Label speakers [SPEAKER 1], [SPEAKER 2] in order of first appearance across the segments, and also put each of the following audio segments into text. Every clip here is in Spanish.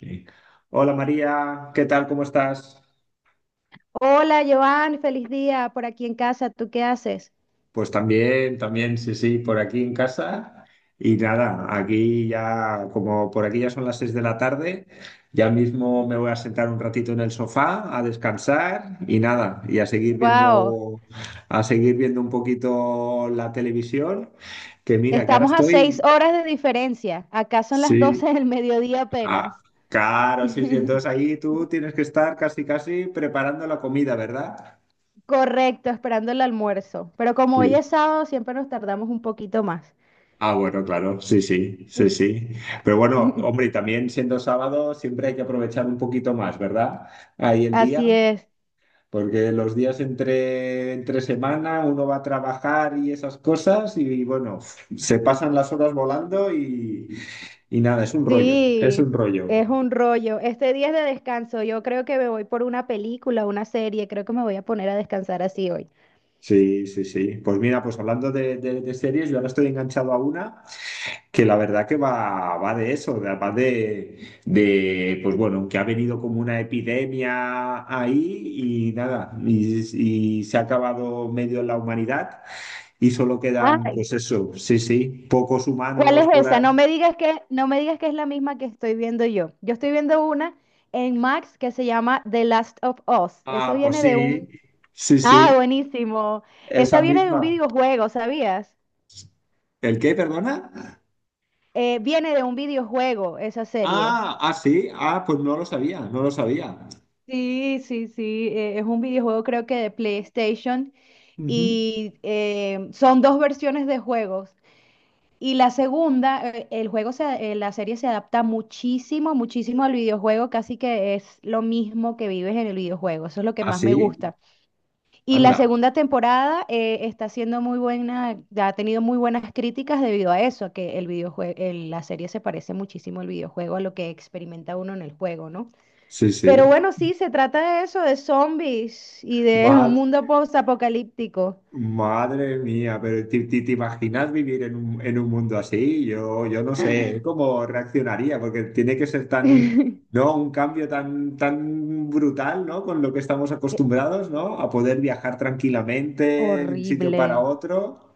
[SPEAKER 1] Sí. Hola María, ¿qué tal? ¿Cómo estás?
[SPEAKER 2] Hola, Joan, feliz día por aquí en casa. ¿Tú qué haces?
[SPEAKER 1] Pues también, también, sí, sí, por aquí en casa. Y nada, aquí ya, como por aquí ya son las 6 de la tarde, ya mismo me voy a sentar un ratito en el sofá a descansar y nada, y a seguir
[SPEAKER 2] Wow,
[SPEAKER 1] viendo, a seguir viendo un poquito la televisión, que mira, que ahora
[SPEAKER 2] estamos a seis
[SPEAKER 1] estoy,
[SPEAKER 2] horas de diferencia. Acá son las
[SPEAKER 1] sí,
[SPEAKER 2] 12 del mediodía apenas.
[SPEAKER 1] ah, claro, sí, sí, entonces ahí tú tienes que estar casi, casi preparando la comida, ¿verdad?
[SPEAKER 2] Correcto, esperando el almuerzo. Pero como hoy es sábado, siempre nos tardamos un poquito más.
[SPEAKER 1] Ah, bueno, claro, sí, sí, sí, sí. Pero bueno, hombre, y también siendo sábado siempre hay que aprovechar un poquito más, ¿verdad? Ahí el día,
[SPEAKER 2] Así es.
[SPEAKER 1] porque los días entre semana uno va a trabajar y esas cosas y bueno, se pasan las horas volando y nada, es un rollo, es
[SPEAKER 2] Sí,
[SPEAKER 1] un rollo.
[SPEAKER 2] es un rollo. Este día es de descanso. Yo creo que me voy por una película, una serie. Creo que me voy a poner a descansar así hoy.
[SPEAKER 1] Sí, sí, sí. Pues mira, pues hablando de series, yo ahora estoy enganchado a una, que la verdad que va de eso, va de, pues bueno, que ha venido como una epidemia ahí y nada, y se ha acabado medio la humanidad y solo quedan, pues
[SPEAKER 2] Ah.
[SPEAKER 1] eso, sí, sí, pocos
[SPEAKER 2] ¿Cuál
[SPEAKER 1] humanos
[SPEAKER 2] es
[SPEAKER 1] por ahí.
[SPEAKER 2] esa? No me digas que es la misma que estoy viendo yo. Yo estoy viendo una en Max que se llama The Last of Us. Eso
[SPEAKER 1] Ah, pues
[SPEAKER 2] viene de
[SPEAKER 1] sí,
[SPEAKER 2] un...
[SPEAKER 1] sí,
[SPEAKER 2] Ah,
[SPEAKER 1] sí,
[SPEAKER 2] buenísimo. Esa
[SPEAKER 1] esa
[SPEAKER 2] viene de un
[SPEAKER 1] misma.
[SPEAKER 2] videojuego, ¿sabías?
[SPEAKER 1] ¿El qué, perdona?
[SPEAKER 2] Viene de un videojuego, esa serie.
[SPEAKER 1] Ah, ah, sí, ah, pues no lo sabía, no lo sabía.
[SPEAKER 2] Sí, sí, sí. Es un videojuego creo que de PlayStation
[SPEAKER 1] Ujú.
[SPEAKER 2] y son dos versiones de juegos. Y la segunda, el juego se, La serie se adapta muchísimo, muchísimo al videojuego, casi que es lo mismo que vives en el videojuego, eso es lo que
[SPEAKER 1] Ah,
[SPEAKER 2] más
[SPEAKER 1] sí,
[SPEAKER 2] me gusta. Y la
[SPEAKER 1] anda,
[SPEAKER 2] segunda temporada está siendo muy buena, ha tenido muy buenas críticas debido a eso, a que el videojuego, la serie se parece muchísimo al videojuego, a lo que experimenta uno en el juego, ¿no?
[SPEAKER 1] sí,
[SPEAKER 2] Pero
[SPEAKER 1] sí.
[SPEAKER 2] bueno, sí, se trata de eso, de zombies y de un
[SPEAKER 1] Madre
[SPEAKER 2] mundo post-apocalíptico.
[SPEAKER 1] Madre mía, pero ¿te imaginas vivir en un mundo así? Yo no sé cómo reaccionaría, porque tiene que ser tan, ¿no? Un cambio tan, tan brutal, ¿no? Con lo que estamos acostumbrados, ¿no? A poder viajar tranquilamente de un sitio para
[SPEAKER 2] Horrible.
[SPEAKER 1] otro.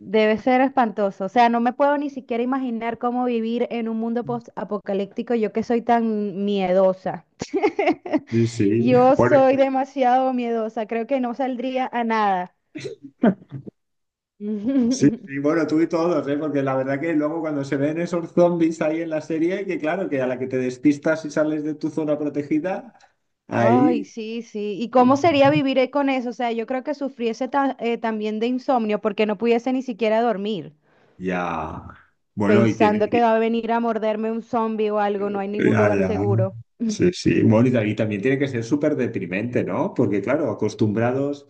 [SPEAKER 2] Debe ser espantoso. O sea, no me puedo ni siquiera imaginar cómo vivir en un mundo post-apocalíptico, yo que soy tan miedosa.
[SPEAKER 1] Sí, sí.
[SPEAKER 2] Yo
[SPEAKER 1] Bueno,
[SPEAKER 2] soy demasiado miedosa, creo que no saldría a nada.
[SPEAKER 1] sí, sí, bueno, tú y todos, ¿eh? Porque la verdad que luego cuando se ven esos zombies ahí en la serie, que claro, que a la que te despistas y sales de tu zona protegida,
[SPEAKER 2] Ay,
[SPEAKER 1] ahí...
[SPEAKER 2] sí, sí. ¿Y cómo sería vivir con eso? O sea, yo creo que sufriese también de insomnio porque no pudiese ni siquiera dormir,
[SPEAKER 1] Ya. Bueno, y
[SPEAKER 2] pensando
[SPEAKER 1] tiene.
[SPEAKER 2] que va a venir a morderme un zombie o algo, no hay ningún
[SPEAKER 1] Ya,
[SPEAKER 2] lugar
[SPEAKER 1] ya.
[SPEAKER 2] seguro.
[SPEAKER 1] Sí, sí. Bueno, y y también tiene que ser súper deprimente, ¿no? Porque, claro, acostumbrados,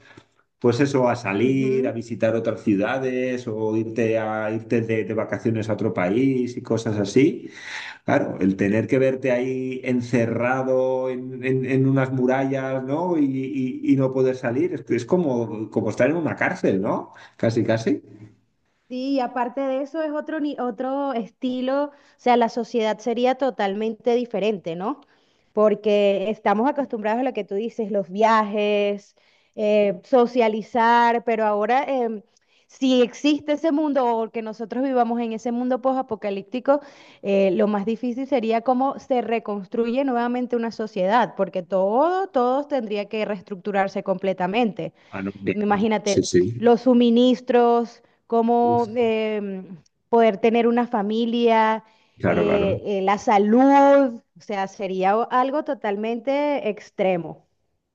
[SPEAKER 1] pues eso, a salir, a
[SPEAKER 2] Ujú.
[SPEAKER 1] visitar otras ciudades o irte de vacaciones a otro país y cosas así. Claro, el tener que verte ahí encerrado en, en unas murallas, ¿no? Y no poder salir, es como, como estar en una cárcel, ¿no? Casi, casi.
[SPEAKER 2] Sí, y aparte de eso es otro, ni- otro estilo, o sea, la sociedad sería totalmente diferente, ¿no? Porque estamos acostumbrados a lo que tú dices, los viajes, socializar, pero ahora si existe ese mundo o que nosotros vivamos en ese mundo posapocalíptico, lo más difícil sería cómo se reconstruye nuevamente una sociedad, porque todos tendría que reestructurarse completamente.
[SPEAKER 1] Ah, no, bien. Sí,
[SPEAKER 2] Imagínate,
[SPEAKER 1] sí.
[SPEAKER 2] los suministros,
[SPEAKER 1] Uf.
[SPEAKER 2] cómo poder tener una familia,
[SPEAKER 1] Claro, claro.
[SPEAKER 2] la salud, o sea, sería algo totalmente extremo.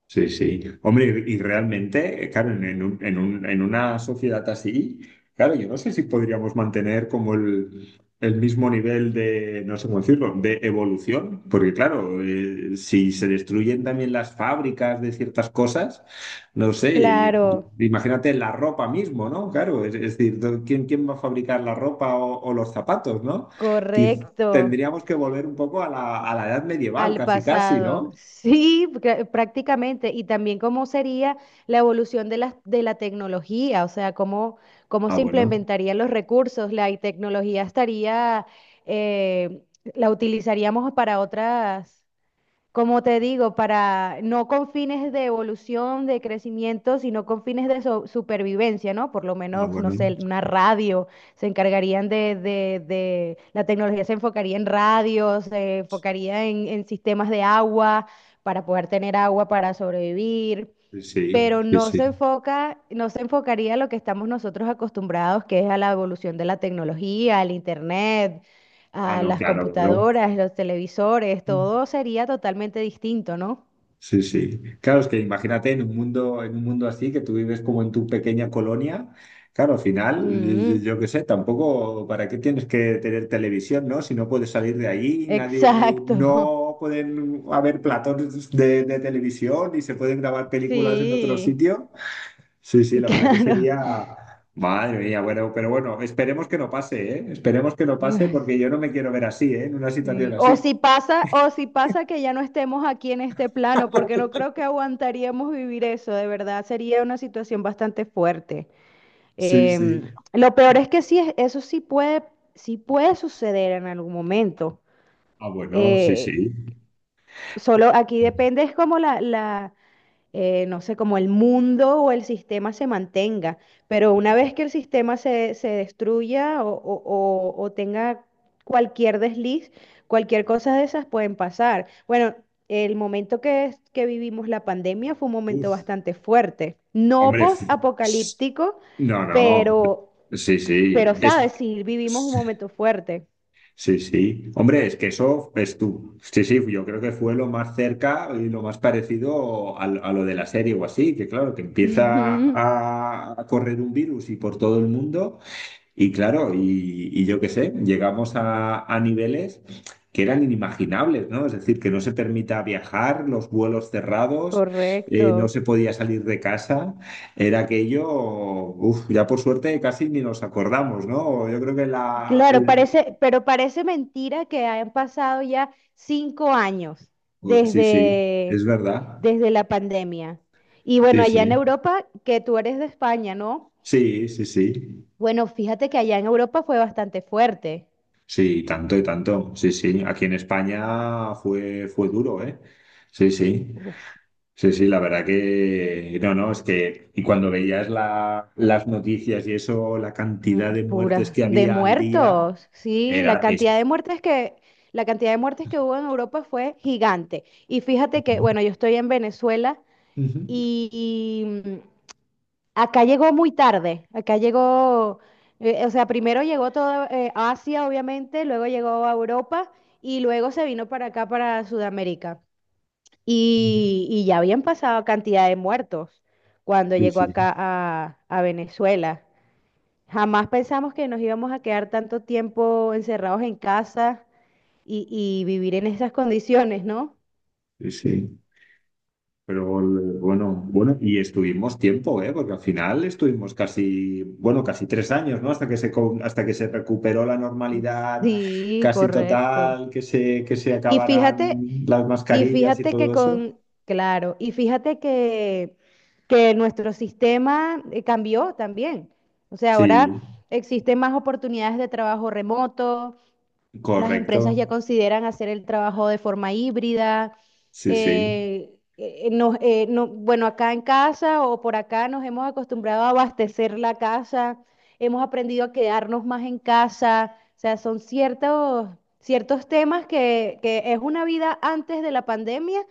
[SPEAKER 1] Sí, sí. Hombre, y realmente, claro, en un- en un- en una sociedad así, claro, yo no sé si podríamos mantener como el mismo nivel de, no sé cómo decirlo, de evolución, porque claro, si se destruyen también las fábricas de ciertas cosas, no sé,
[SPEAKER 2] Claro,
[SPEAKER 1] imagínate la ropa mismo, ¿no? Claro, es decir, ¿quién va a fabricar la ropa o los zapatos, ¿no? Quiz-
[SPEAKER 2] correcto,
[SPEAKER 1] Tendríamos que volver un poco a la edad medieval,
[SPEAKER 2] al
[SPEAKER 1] casi, casi,
[SPEAKER 2] pasado.
[SPEAKER 1] ¿no?
[SPEAKER 2] Sí, prácticamente. Y también cómo sería la evolución de la tecnología, o sea, cómo
[SPEAKER 1] Ah,
[SPEAKER 2] se
[SPEAKER 1] bueno.
[SPEAKER 2] implementarían los recursos, la tecnología estaría... eh, la utilizaríamos para otras, como te digo, para no con fines de evolución, de crecimiento, sino con fines de supervivencia, ¿no? Por lo
[SPEAKER 1] Ah,
[SPEAKER 2] menos, no sé,
[SPEAKER 1] bueno.
[SPEAKER 2] una radio, se encargarían de la tecnología se enfocaría en radios, se enfocaría en sistemas de agua, para poder tener agua para sobrevivir,
[SPEAKER 1] Sí,
[SPEAKER 2] pero
[SPEAKER 1] sí, sí. Sí.
[SPEAKER 2] no se enfocaría a lo que estamos nosotros acostumbrados, que es a la evolución de la tecnología, al internet,
[SPEAKER 1] Ah,
[SPEAKER 2] a
[SPEAKER 1] no,
[SPEAKER 2] las
[SPEAKER 1] claro, claro.
[SPEAKER 2] computadoras, los televisores, todo sería totalmente distinto, ¿no?
[SPEAKER 1] Sí, sí. Claro, es que imagínate en un mundo así, que tú vives como en tu pequeña colonia. Claro, al final, yo
[SPEAKER 2] Mm,
[SPEAKER 1] yo qué sé, tampoco, ¿para qué tienes que tener televisión, no? Si no puedes salir de allí, nadie,
[SPEAKER 2] exacto.
[SPEAKER 1] no pueden haber platos de televisión y se pueden grabar películas en otro
[SPEAKER 2] Sí.
[SPEAKER 1] sitio. Sí, sí, la verdad que
[SPEAKER 2] Claro.
[SPEAKER 1] sería, madre mía, bueno, pero bueno, esperemos que no pase, ¿eh? Esperemos que no pase
[SPEAKER 2] Ay.
[SPEAKER 1] porque yo no me quiero ver así, ¿eh? En una situación
[SPEAKER 2] Sí.
[SPEAKER 1] así.
[SPEAKER 2] O si pasa que ya no estemos aquí en este plano, porque no creo que aguantaríamos vivir eso, de verdad, sería una situación bastante fuerte.
[SPEAKER 1] Sí, sí.
[SPEAKER 2] Lo peor es que sí, eso sí puede suceder en algún momento.
[SPEAKER 1] Ah, bueno, sí, sí.
[SPEAKER 2] Eh, solo aquí depende, es como la, no sé, como el mundo o el sistema se mantenga. Pero una vez que el sistema se destruya o o tenga cualquier desliz, cualquier cosa de esas pueden pasar. Bueno, el momento que vivimos la pandemia fue un momento
[SPEAKER 1] Uf,
[SPEAKER 2] bastante fuerte. No
[SPEAKER 1] hombre, s-
[SPEAKER 2] post-apocalíptico,
[SPEAKER 1] no, no.
[SPEAKER 2] pero
[SPEAKER 1] Sí, sí. Es,
[SPEAKER 2] ¿sabes? Sí, vivimos un momento fuerte.
[SPEAKER 1] sí, sí. Hombre, es que eso es tú. Sí, sí, yo creo que fue lo más cerca y lo más parecido a lo de la serie o así, que claro, que empieza
[SPEAKER 2] Ujú.
[SPEAKER 1] a correr un virus y por todo el mundo. Y claro, y yo qué sé, llegamos a niveles que eran inimaginables, ¿no? Es decir, que no se permita viajar, los vuelos cerrados, no
[SPEAKER 2] Correcto.
[SPEAKER 1] se podía salir de casa, era aquello, uf, ya por suerte casi ni nos acordamos, ¿no? Yo creo que la...
[SPEAKER 2] Claro, parece, pero parece mentira que hayan pasado ya 5 años
[SPEAKER 1] Sí, sí, es
[SPEAKER 2] desde,
[SPEAKER 1] verdad.
[SPEAKER 2] desde la pandemia. Y bueno,
[SPEAKER 1] Sí,
[SPEAKER 2] allá en
[SPEAKER 1] sí.
[SPEAKER 2] Europa, que tú eres de España, ¿no?
[SPEAKER 1] Sí, sí, sí.
[SPEAKER 2] Bueno, fíjate que allá en Europa fue bastante fuerte.
[SPEAKER 1] Sí, tanto y tanto. Sí, sí. Aquí en España fue, fue duro, ¿eh? Sí, sí.
[SPEAKER 2] Uf,
[SPEAKER 1] Sí, sí, la verdad que no, no, es que y cuando veías las noticias y eso, la cantidad
[SPEAKER 2] mm,
[SPEAKER 1] de muertes
[SPEAKER 2] Pura,
[SPEAKER 1] que
[SPEAKER 2] de
[SPEAKER 1] había al día
[SPEAKER 2] muertos. Sí,
[SPEAKER 1] era eso.
[SPEAKER 2] la cantidad de muertes que hubo en Europa fue gigante. Y fíjate que, bueno, yo estoy en Venezuela
[SPEAKER 1] Ujú.
[SPEAKER 2] y, y, mm, acá llegó muy tarde, o sea, primero llegó toda Asia, obviamente, luego llegó a Europa y luego se vino para acá, para Sudamérica. Y ya habían pasado cantidad de muertos cuando
[SPEAKER 1] Sí,
[SPEAKER 2] llegó
[SPEAKER 1] sí,
[SPEAKER 2] acá a Venezuela. Jamás pensamos que nos íbamos a quedar tanto tiempo encerrados en casa y vivir en esas condiciones, ¿no?
[SPEAKER 1] sí, sí. Pero el- bueno, bueno, y estuvimos tiempo, ¿eh? Porque al final estuvimos casi, bueno, casi 3 años, ¿no? Hasta que se recuperó la normalidad
[SPEAKER 2] Sí,
[SPEAKER 1] casi
[SPEAKER 2] correcto.
[SPEAKER 1] total, que se
[SPEAKER 2] Y
[SPEAKER 1] acabaran
[SPEAKER 2] fíjate
[SPEAKER 1] las
[SPEAKER 2] Y
[SPEAKER 1] mascarillas y
[SPEAKER 2] fíjate que
[SPEAKER 1] todo eso.
[SPEAKER 2] con, claro, y fíjate que nuestro sistema cambió también. O sea, ahora
[SPEAKER 1] Sí,
[SPEAKER 2] existen más oportunidades de trabajo remoto, las empresas
[SPEAKER 1] correcto.
[SPEAKER 2] ya consideran hacer el trabajo de forma híbrida.
[SPEAKER 1] Sí, sí.
[SPEAKER 2] Bueno, acá en casa o por acá nos hemos acostumbrado a abastecer la casa, hemos aprendido a quedarnos más en casa. O sea, son ciertos temas que es una vida antes de la pandemia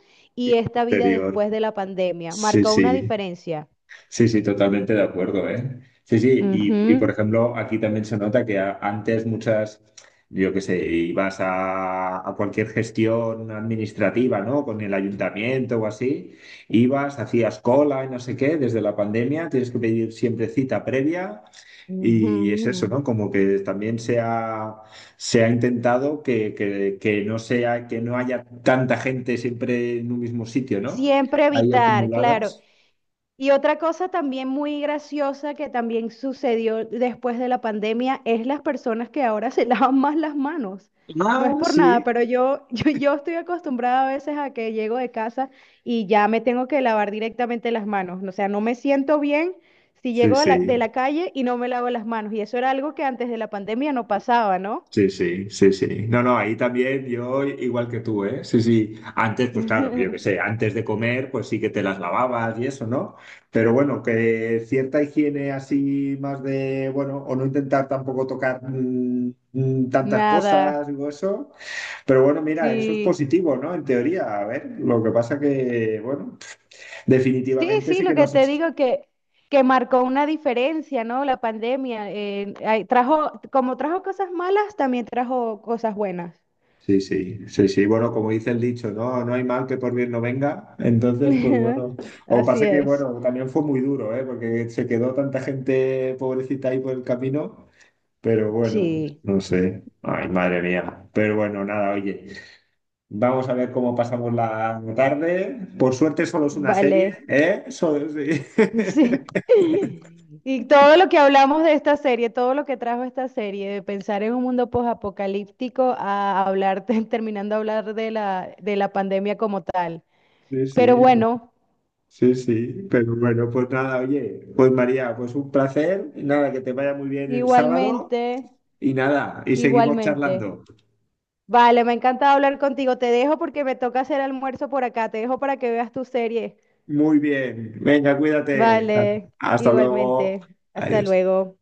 [SPEAKER 1] Y
[SPEAKER 2] y esta vida
[SPEAKER 1] posterior.
[SPEAKER 2] después de la pandemia.
[SPEAKER 1] Sí,
[SPEAKER 2] Marca una
[SPEAKER 1] sí,
[SPEAKER 2] diferencia.
[SPEAKER 1] sí, sí, totalmente de acuerdo, ¿eh? Sí, sí, y, por
[SPEAKER 2] Ujú.
[SPEAKER 1] ejemplo, aquí también se nota que antes muchas, yo qué sé, ibas a cualquier gestión administrativa, ¿no? Con el ayuntamiento o así, ibas, hacías cola y no sé qué, desde la pandemia tienes que pedir siempre cita previa y es eso,
[SPEAKER 2] Ujú.
[SPEAKER 1] ¿no? Como que también se ha intentado que no sea, que no haya tanta gente siempre en un mismo sitio, ¿no?
[SPEAKER 2] Siempre
[SPEAKER 1] Ahí
[SPEAKER 2] evitar, claro.
[SPEAKER 1] acumuladas.
[SPEAKER 2] Y otra cosa también muy graciosa que también sucedió después de la pandemia es las personas que ahora se lavan más las manos. No es
[SPEAKER 1] Ah,
[SPEAKER 2] por nada, pero
[SPEAKER 1] sí.
[SPEAKER 2] yo estoy acostumbrada a veces a que llego de casa y ya me tengo que lavar directamente las manos. O sea, no me siento bien si
[SPEAKER 1] Sí,
[SPEAKER 2] llego de la, de
[SPEAKER 1] sí,
[SPEAKER 2] la calle y no me lavo las manos. Y eso era algo que antes de la pandemia no pasaba, ¿no?
[SPEAKER 1] sí, sí, sí, sí. No, no, ahí también yo igual que tú, ¿eh? Sí, sí. Antes, pues claro, yo qué sé, antes de comer, pues sí que te las lavabas y eso, ¿no? Pero bueno, que cierta higiene así más de, bueno, o no intentar tampoco tocar tantas cosas,
[SPEAKER 2] Nada,
[SPEAKER 1] digo eso. Pero bueno, mira, eso es
[SPEAKER 2] sí.
[SPEAKER 1] positivo, ¿no? En teoría, a ver, lo que pasa que, bueno,
[SPEAKER 2] Sí,
[SPEAKER 1] definitivamente
[SPEAKER 2] sí,
[SPEAKER 1] sí
[SPEAKER 2] lo
[SPEAKER 1] que
[SPEAKER 2] que te
[SPEAKER 1] nos...
[SPEAKER 2] digo que marcó una diferencia, ¿no? La pandemia ay, trajo, como trajo cosas malas, también trajo cosas buenas.
[SPEAKER 1] Sí, sí, sí, sí. Bueno, como dice el dicho, no, no hay mal que por bien no venga. Entonces, pues bueno, o
[SPEAKER 2] Así
[SPEAKER 1] pasa que,
[SPEAKER 2] es.
[SPEAKER 1] bueno, también fue muy duro, ¿eh? Porque se quedó tanta gente pobrecita ahí por el camino. Pero bueno,
[SPEAKER 2] Sí,
[SPEAKER 1] no sé. Ay, madre mía. Pero bueno, nada, oye. Vamos a ver cómo pasamos la tarde. Por suerte solo es una serie,
[SPEAKER 2] vale.
[SPEAKER 1] ¿eh? Sí.
[SPEAKER 2] Sí. Y todo lo que hablamos de esta serie, todo lo que trajo esta serie, de pensar en un mundo posapocalíptico a hablar, terminando de hablar de la pandemia como tal.
[SPEAKER 1] Sí,
[SPEAKER 2] Pero
[SPEAKER 1] sí,
[SPEAKER 2] bueno,
[SPEAKER 1] sí, sí, pero bueno, pues nada, oye, pues María, pues un placer, nada, que te vaya muy bien el sábado
[SPEAKER 2] igualmente,
[SPEAKER 1] y nada, y seguimos
[SPEAKER 2] igualmente.
[SPEAKER 1] charlando.
[SPEAKER 2] Vale, me ha encantado hablar contigo. Te dejo porque me toca hacer almuerzo por acá. Te dejo para que veas tu serie.
[SPEAKER 1] Muy bien, venga, cuídate.
[SPEAKER 2] Vale,
[SPEAKER 1] Hasta luego.
[SPEAKER 2] igualmente. Hasta
[SPEAKER 1] Adiós.
[SPEAKER 2] luego.